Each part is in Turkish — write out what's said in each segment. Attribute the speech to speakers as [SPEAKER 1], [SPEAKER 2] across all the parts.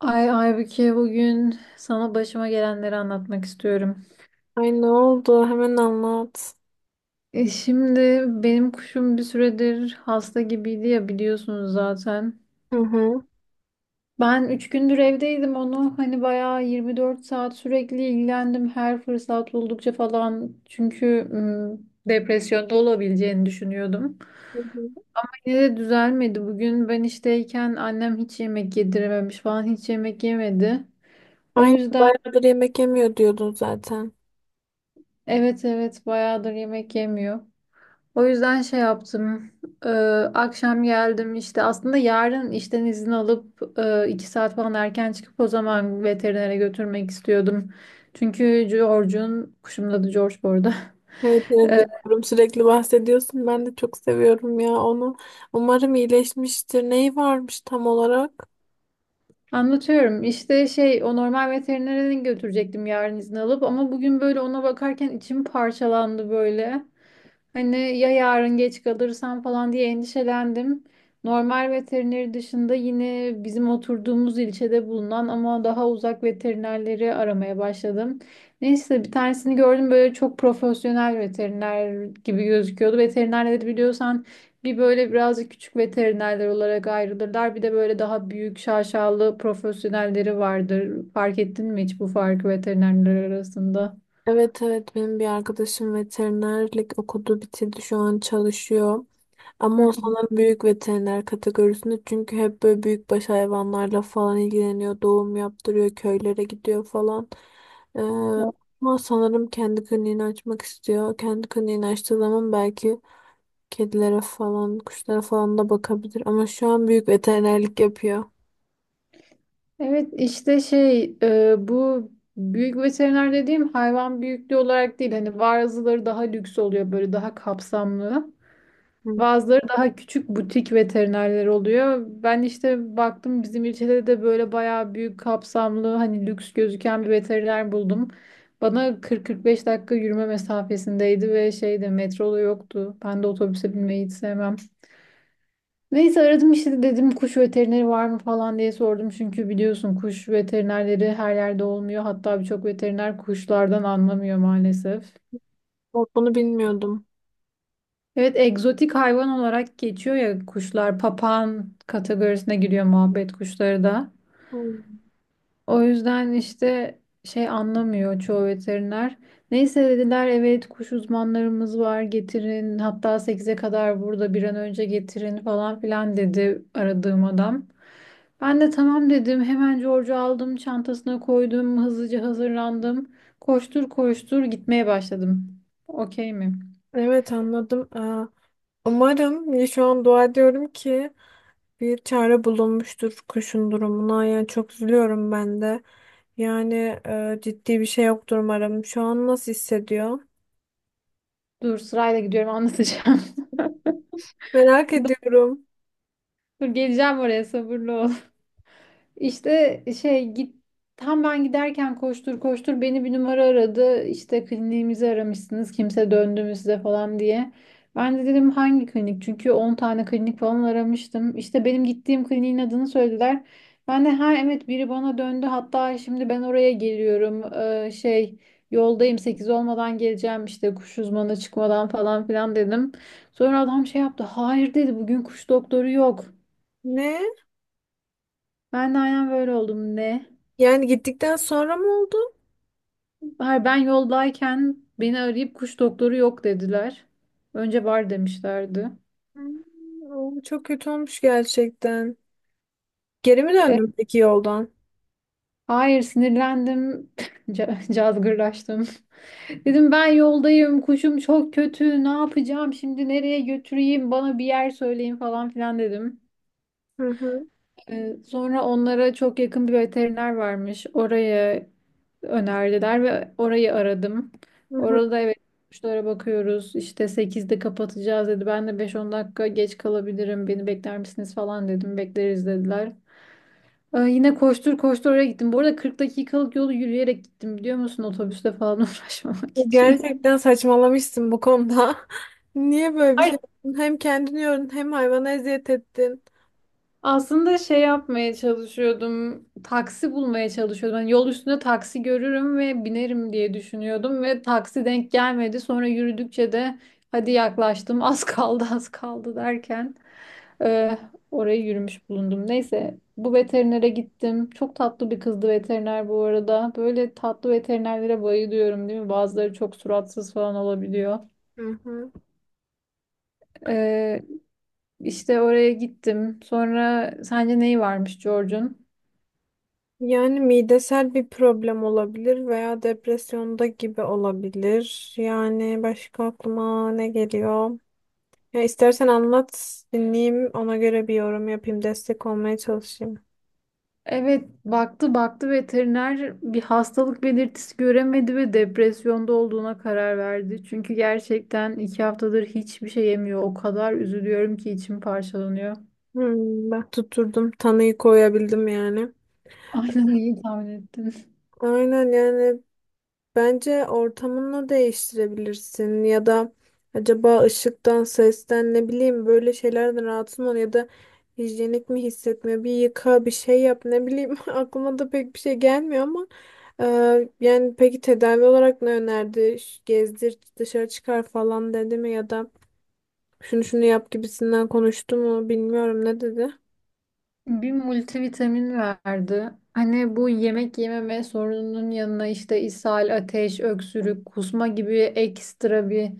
[SPEAKER 1] Ay Aybüke, bugün sana başıma gelenleri anlatmak istiyorum.
[SPEAKER 2] Ay, ne oldu? Hemen anlat.
[SPEAKER 1] E şimdi benim kuşum bir süredir hasta gibiydi ya, biliyorsunuz zaten.
[SPEAKER 2] Hı hı.
[SPEAKER 1] Ben 3 gündür evdeydim, onu hani bayağı 24 saat sürekli ilgilendim, her fırsat buldukça falan. Çünkü depresyonda olabileceğini düşünüyordum.
[SPEAKER 2] Hı hı.
[SPEAKER 1] Yine de düzelmedi. Bugün ben işteyken annem hiç yemek yedirememiş falan, hiç yemek yemedi. O
[SPEAKER 2] Ay,
[SPEAKER 1] yüzden
[SPEAKER 2] bayağıdır yemek yemiyor diyordun zaten.
[SPEAKER 1] evet evet bayağıdır yemek yemiyor. O yüzden şey yaptım. Ee, Akşam geldim işte, aslında yarın işten izin alıp iki saat falan erken çıkıp o zaman veterinere götürmek istiyordum. Çünkü George'un, kuşumun adı George bu arada.
[SPEAKER 2] Evet, evet,
[SPEAKER 1] Ee,
[SPEAKER 2] biliyorum. Sürekli bahsediyorsun. Ben de çok seviyorum ya onu. Umarım iyileşmiştir. Neyi varmış tam olarak?
[SPEAKER 1] Anlatıyorum işte şey, o normal veterinere götürecektim yarın izin alıp, ama bugün böyle ona bakarken içim parçalandı böyle. Hani ya yarın geç kalırsam falan diye endişelendim. Normal veterineri dışında yine bizim oturduğumuz ilçede bulunan ama daha uzak veterinerleri aramaya başladım. Neyse bir tanesini gördüm, böyle çok profesyonel veteriner gibi gözüküyordu. Veterinerleri biliyorsan bir böyle birazcık küçük veterinerler olarak ayrılırlar. Bir de böyle daha büyük şaşalı profesyonelleri vardır. Fark ettin mi hiç bu farkı veterinerler arasında?
[SPEAKER 2] Evet, evet, benim bir arkadaşım veterinerlik okudu, bitirdi, şu an çalışıyor.
[SPEAKER 1] Hı
[SPEAKER 2] Ama o
[SPEAKER 1] hı.
[SPEAKER 2] sanırım büyük veteriner kategorisinde, çünkü hep böyle büyükbaş hayvanlarla falan ilgileniyor. Doğum yaptırıyor, köylere gidiyor falan. Ee, Ama sanırım kendi kliniğini açmak istiyor. Kendi kliniğini açtığı zaman belki kedilere falan, kuşlara falan da bakabilir. Ama şu an büyük veterinerlik yapıyor.
[SPEAKER 1] Evet işte şey bu büyük veteriner dediğim hayvan büyüklüğü olarak değil, hani bazıları daha lüks oluyor böyle, daha kapsamlı.
[SPEAKER 2] Hı.
[SPEAKER 1] Bazıları daha küçük butik veterinerler oluyor. Ben işte baktım, bizim ilçede de böyle bayağı büyük kapsamlı, hani lüks gözüken bir veteriner buldum. Bana 40-45 dakika yürüme mesafesindeydi ve şeyde metro yoktu. Ben de otobüse binmeyi hiç sevmem. Neyse aradım işte, dedim kuş veterineri var mı falan diye sordum. Çünkü biliyorsun kuş veterinerleri her yerde olmuyor. Hatta birçok veteriner kuşlardan anlamıyor maalesef.
[SPEAKER 2] Bak, bunu bilmiyordum.
[SPEAKER 1] Evet egzotik hayvan olarak geçiyor ya kuşlar. Papağan kategorisine giriyor muhabbet kuşları da.
[SPEAKER 2] Hı.
[SPEAKER 1] O yüzden işte şey anlamıyor çoğu veteriner. Neyse dediler evet kuş uzmanlarımız var, getirin, hatta sekize kadar burada, bir an önce getirin falan filan dedi aradığım adam. Ben de tamam dedim, hemen George'u aldım, çantasına koydum, hızlıca hazırlandım. Koştur koştur gitmeye başladım. Okey mi?
[SPEAKER 2] Evet, anladım. Umarım ya, şu an dua ediyorum ki bir çare bulunmuştur kuşun durumuna. Yani çok üzülüyorum ben de. Yani ciddi bir şey yoktur umarım. Şu an nasıl hissediyor?
[SPEAKER 1] Dur sırayla gidiyorum, anlatacağım.
[SPEAKER 2] Merak ediyorum.
[SPEAKER 1] Dur geleceğim oraya, sabırlı ol. İşte şey git, tam ben giderken koştur koştur beni bir numara aradı. İşte kliniğimizi aramışsınız, kimse döndü mü size falan diye. Ben de dedim hangi klinik? Çünkü 10 tane klinik falan aramıştım. İşte benim gittiğim kliniğin adını söylediler. Ben de ha evet, biri bana döndü. Hatta şimdi ben oraya geliyorum. Şey yoldayım, 8 olmadan geleceğim, işte kuş uzmanı çıkmadan falan filan dedim. Sonra adam şey yaptı. Hayır dedi, bugün kuş doktoru yok.
[SPEAKER 2] Ne?
[SPEAKER 1] Ben de aynen böyle oldum, ne?
[SPEAKER 2] Yani gittikten sonra mı oldu?
[SPEAKER 1] Hayır, ben yoldayken beni arayıp kuş doktoru yok dediler. Önce var demişlerdi.
[SPEAKER 2] Hmm, o çok kötü olmuş gerçekten. Geri mi
[SPEAKER 1] E,
[SPEAKER 2] döndün peki yoldan?
[SPEAKER 1] hayır, sinirlendim. Cazgırlaştım. Dedim ben yoldayım. Kuşum çok kötü. Ne yapacağım şimdi? Nereye götüreyim? Bana bir yer söyleyin falan filan dedim.
[SPEAKER 2] Hı hı,
[SPEAKER 1] Sonra onlara çok yakın bir veteriner varmış. Oraya önerdiler ve orayı aradım.
[SPEAKER 2] hı hı.
[SPEAKER 1] Orada evet kuşlara bakıyoruz, İşte sekizde kapatacağız dedi. Ben de beş on dakika geç kalabilirim, beni bekler misiniz falan dedim. Bekleriz dediler. Yine koştur koştur oraya gittim. Bu arada 40 dakikalık yolu yürüyerek gittim biliyor musun? Otobüste falan uğraşmamak için.
[SPEAKER 2] Gerçekten saçmalamışsın bu konuda. Niye böyle bir şey yaptın? Hem kendini yordun, hem hayvana eziyet ettin.
[SPEAKER 1] Aslında şey yapmaya çalışıyordum. Taksi bulmaya çalışıyordum. Hani yol üstünde taksi görürüm ve binerim diye düşünüyordum ve taksi denk gelmedi. Sonra yürüdükçe de hadi yaklaştım, az kaldı, az kaldı derken e, oraya yürümüş bulundum. Neyse bu veterinere gittim. Çok tatlı bir kızdı veteriner bu arada. Böyle tatlı veterinerlere bayılıyorum değil mi? Bazıları çok suratsız falan olabiliyor.
[SPEAKER 2] Hı hı.
[SPEAKER 1] E, işte oraya gittim. Sonra sence neyi varmış George'un?
[SPEAKER 2] Yani midesel bir problem olabilir veya depresyonda gibi olabilir. Yani başka aklıma ne geliyor? Ya istersen anlat, dinleyeyim, ona göre bir yorum yapayım, destek olmaya çalışayım.
[SPEAKER 1] Evet, baktı baktı veteriner bir hastalık belirtisi göremedi ve depresyonda olduğuna karar verdi. Çünkü gerçekten iki haftadır hiçbir şey yemiyor. O kadar üzülüyorum ki içim parçalanıyor.
[SPEAKER 2] Hmm, bak, tuturdum, tanıyı koyabildim yani.
[SPEAKER 1] Aynen, iyi tahmin ettin.
[SPEAKER 2] Aynen yani, bence ortamını değiştirebilirsin ya da acaba ışıktan, sesten, ne bileyim, böyle şeylerden rahatsız mı ol, ya da hijyenik mi hissetmiyor? Bir yıka, bir şey yap, ne bileyim, aklıma da pek bir şey gelmiyor ama yani peki tedavi olarak ne önerdi? Gezdir, dışarı çıkar falan dedi mi, ya da şunu şunu yap gibisinden konuştu mu, bilmiyorum ne dedi?
[SPEAKER 1] Bir multivitamin verdi. Hani bu yemek yememe sorununun yanına işte ishal, ateş, öksürük, kusma gibi ekstra bir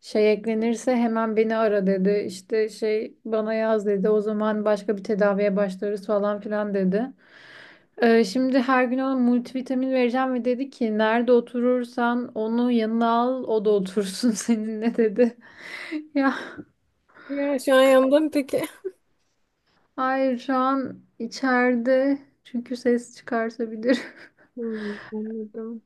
[SPEAKER 1] şey eklenirse hemen beni ara dedi. İşte şey bana yaz dedi. O zaman başka bir tedaviye başlarız falan filan dedi. Şimdi her gün ona multivitamin vereceğim ve dedi ki nerede oturursan onu yanına al, o da otursun seninle dedi. Ya
[SPEAKER 2] Ya şu an yandım peki.
[SPEAKER 1] hayır, şu an içeride çünkü ses çıkartabilir.
[SPEAKER 2] Hmm, anladım.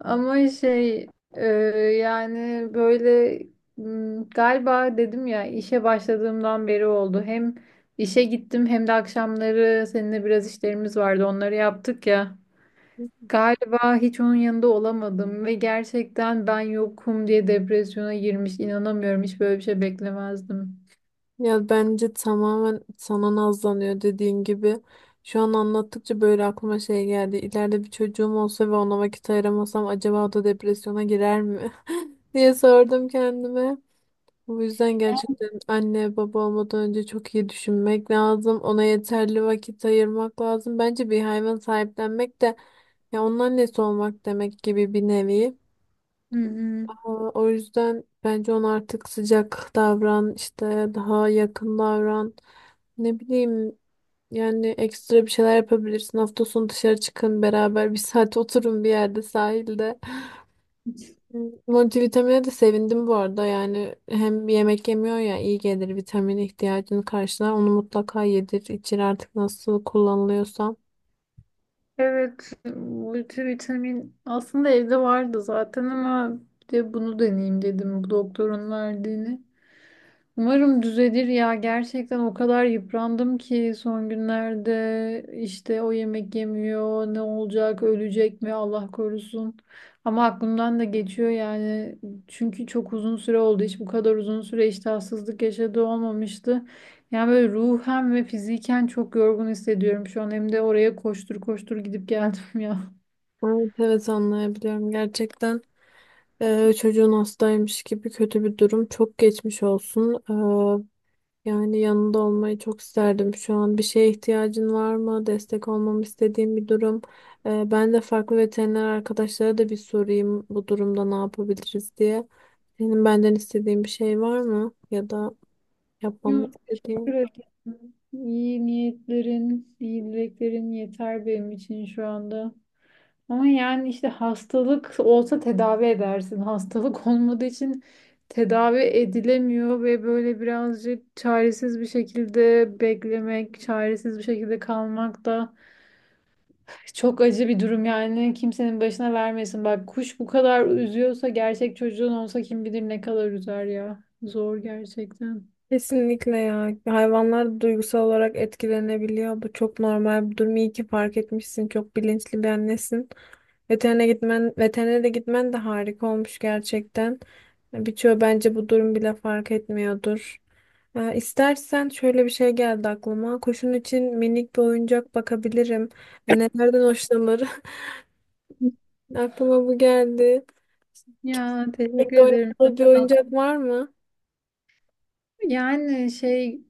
[SPEAKER 1] Ama şey e, yani böyle galiba dedim ya, işe başladığımdan beri oldu. Hem işe gittim hem de akşamları seninle biraz işlerimiz vardı, onları yaptık ya. Galiba hiç onun yanında olamadım ve gerçekten ben yokum diye depresyona girmiş. İnanamıyorum, hiç böyle bir şey beklemezdim.
[SPEAKER 2] Ya bence tamamen sana nazlanıyor dediğin gibi. Şu an anlattıkça böyle aklıma şey geldi. İleride bir çocuğum olsa ve ona vakit ayıramasam acaba o da depresyona girer mi? diye sordum kendime. Bu yüzden gerçekten anne baba olmadan önce çok iyi düşünmek lazım. Ona yeterli vakit ayırmak lazım. Bence bir hayvan sahiplenmek de ya onun annesi olmak demek gibi bir nevi.
[SPEAKER 1] Hı hı.
[SPEAKER 2] O yüzden bence ona artık sıcak davran, işte daha yakın davran. Ne bileyim, yani ekstra bir şeyler yapabilirsin. Hafta sonu dışarı çıkın, beraber bir saat oturun bir yerde, sahilde. Multivitamine de sevindim bu arada. Yani hem yemek yemiyor ya, iyi gelir, vitamin ihtiyacını karşılar. Onu mutlaka yedir, içir artık, nasıl kullanılıyorsa.
[SPEAKER 1] Evet, multivitamin aslında evde vardı zaten ama bir de bunu deneyeyim dedim, bu doktorun verdiğini. Umarım düzelir ya. Gerçekten o kadar yıprandım ki son günlerde, işte o yemek yemiyor, ne olacak, ölecek mi Allah korusun. Ama aklımdan da geçiyor yani. Çünkü çok uzun süre oldu. Hiç bu kadar uzun süre iştahsızlık yaşadığı olmamıştı. Yani böyle ruhen ve fiziken çok yorgun hissediyorum şu an. Hem de oraya koştur koştur gidip geldim ya.
[SPEAKER 2] Evet, evet, anlayabiliyorum gerçekten. Çocuğun hastaymış gibi kötü bir durum. Çok geçmiş olsun. Yani yanında olmayı çok isterdim şu an. Bir şeye ihtiyacın var mı? Destek olmamı istediğim bir durum. Ben de farklı veteriner arkadaşlara da bir sorayım, bu durumda ne yapabiliriz diye. Senin benden istediğin bir şey var mı? Ya da yapmamı
[SPEAKER 1] Yok, teşekkür
[SPEAKER 2] istediğin?
[SPEAKER 1] ederim. İyi niyetlerin, iyi dileklerin yeter benim için şu anda. Ama yani işte hastalık olsa tedavi edersin. Hastalık olmadığı için tedavi edilemiyor ve böyle birazcık çaresiz bir şekilde beklemek, çaresiz bir şekilde kalmak da çok acı bir durum, yani kimsenin başına vermesin. Bak kuş bu kadar üzüyorsa gerçek çocuğun olsa kim bilir ne kadar üzer ya. Zor gerçekten.
[SPEAKER 2] Kesinlikle ya. Hayvanlar duygusal olarak etkilenebiliyor. Bu çok normal bir durum. İyi ki fark etmişsin. Çok bilinçli bir annesin. Veterinere de gitmen de harika olmuş gerçekten. Birçoğu bence bu durum bile fark etmiyordur. Ya istersen şöyle bir şey geldi aklıma. Kuşun için minik bir oyuncak bakabilirim. Ya, nelerden hoşlanır? Aklıma bu geldi.
[SPEAKER 1] Ya teşekkür
[SPEAKER 2] Peki
[SPEAKER 1] ederim. Çok
[SPEAKER 2] oynadığı bir
[SPEAKER 1] tatlı.
[SPEAKER 2] oyuncak var mı?
[SPEAKER 1] Yani şey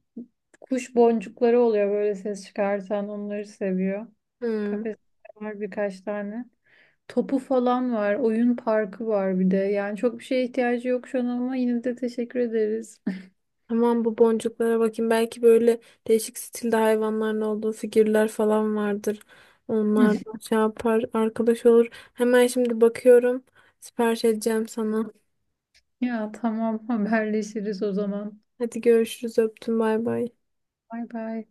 [SPEAKER 1] kuş boncukları oluyor böyle ses çıkartan, onları seviyor.
[SPEAKER 2] Hmm.
[SPEAKER 1] Kafes var birkaç tane. Topu falan var. Oyun parkı var bir de. Yani çok bir şeye ihtiyacı yok şu an ama yine de teşekkür ederiz.
[SPEAKER 2] Tamam, bu boncuklara bakayım. Belki böyle değişik stilde hayvanların olduğu figürler falan vardır. Onlar da şey yapar, arkadaş olur. Hemen şimdi bakıyorum. Sipariş edeceğim sana.
[SPEAKER 1] Ya tamam, haberleşiriz o zaman.
[SPEAKER 2] Hadi görüşürüz. Öptüm. Bay bay.
[SPEAKER 1] Bay bay.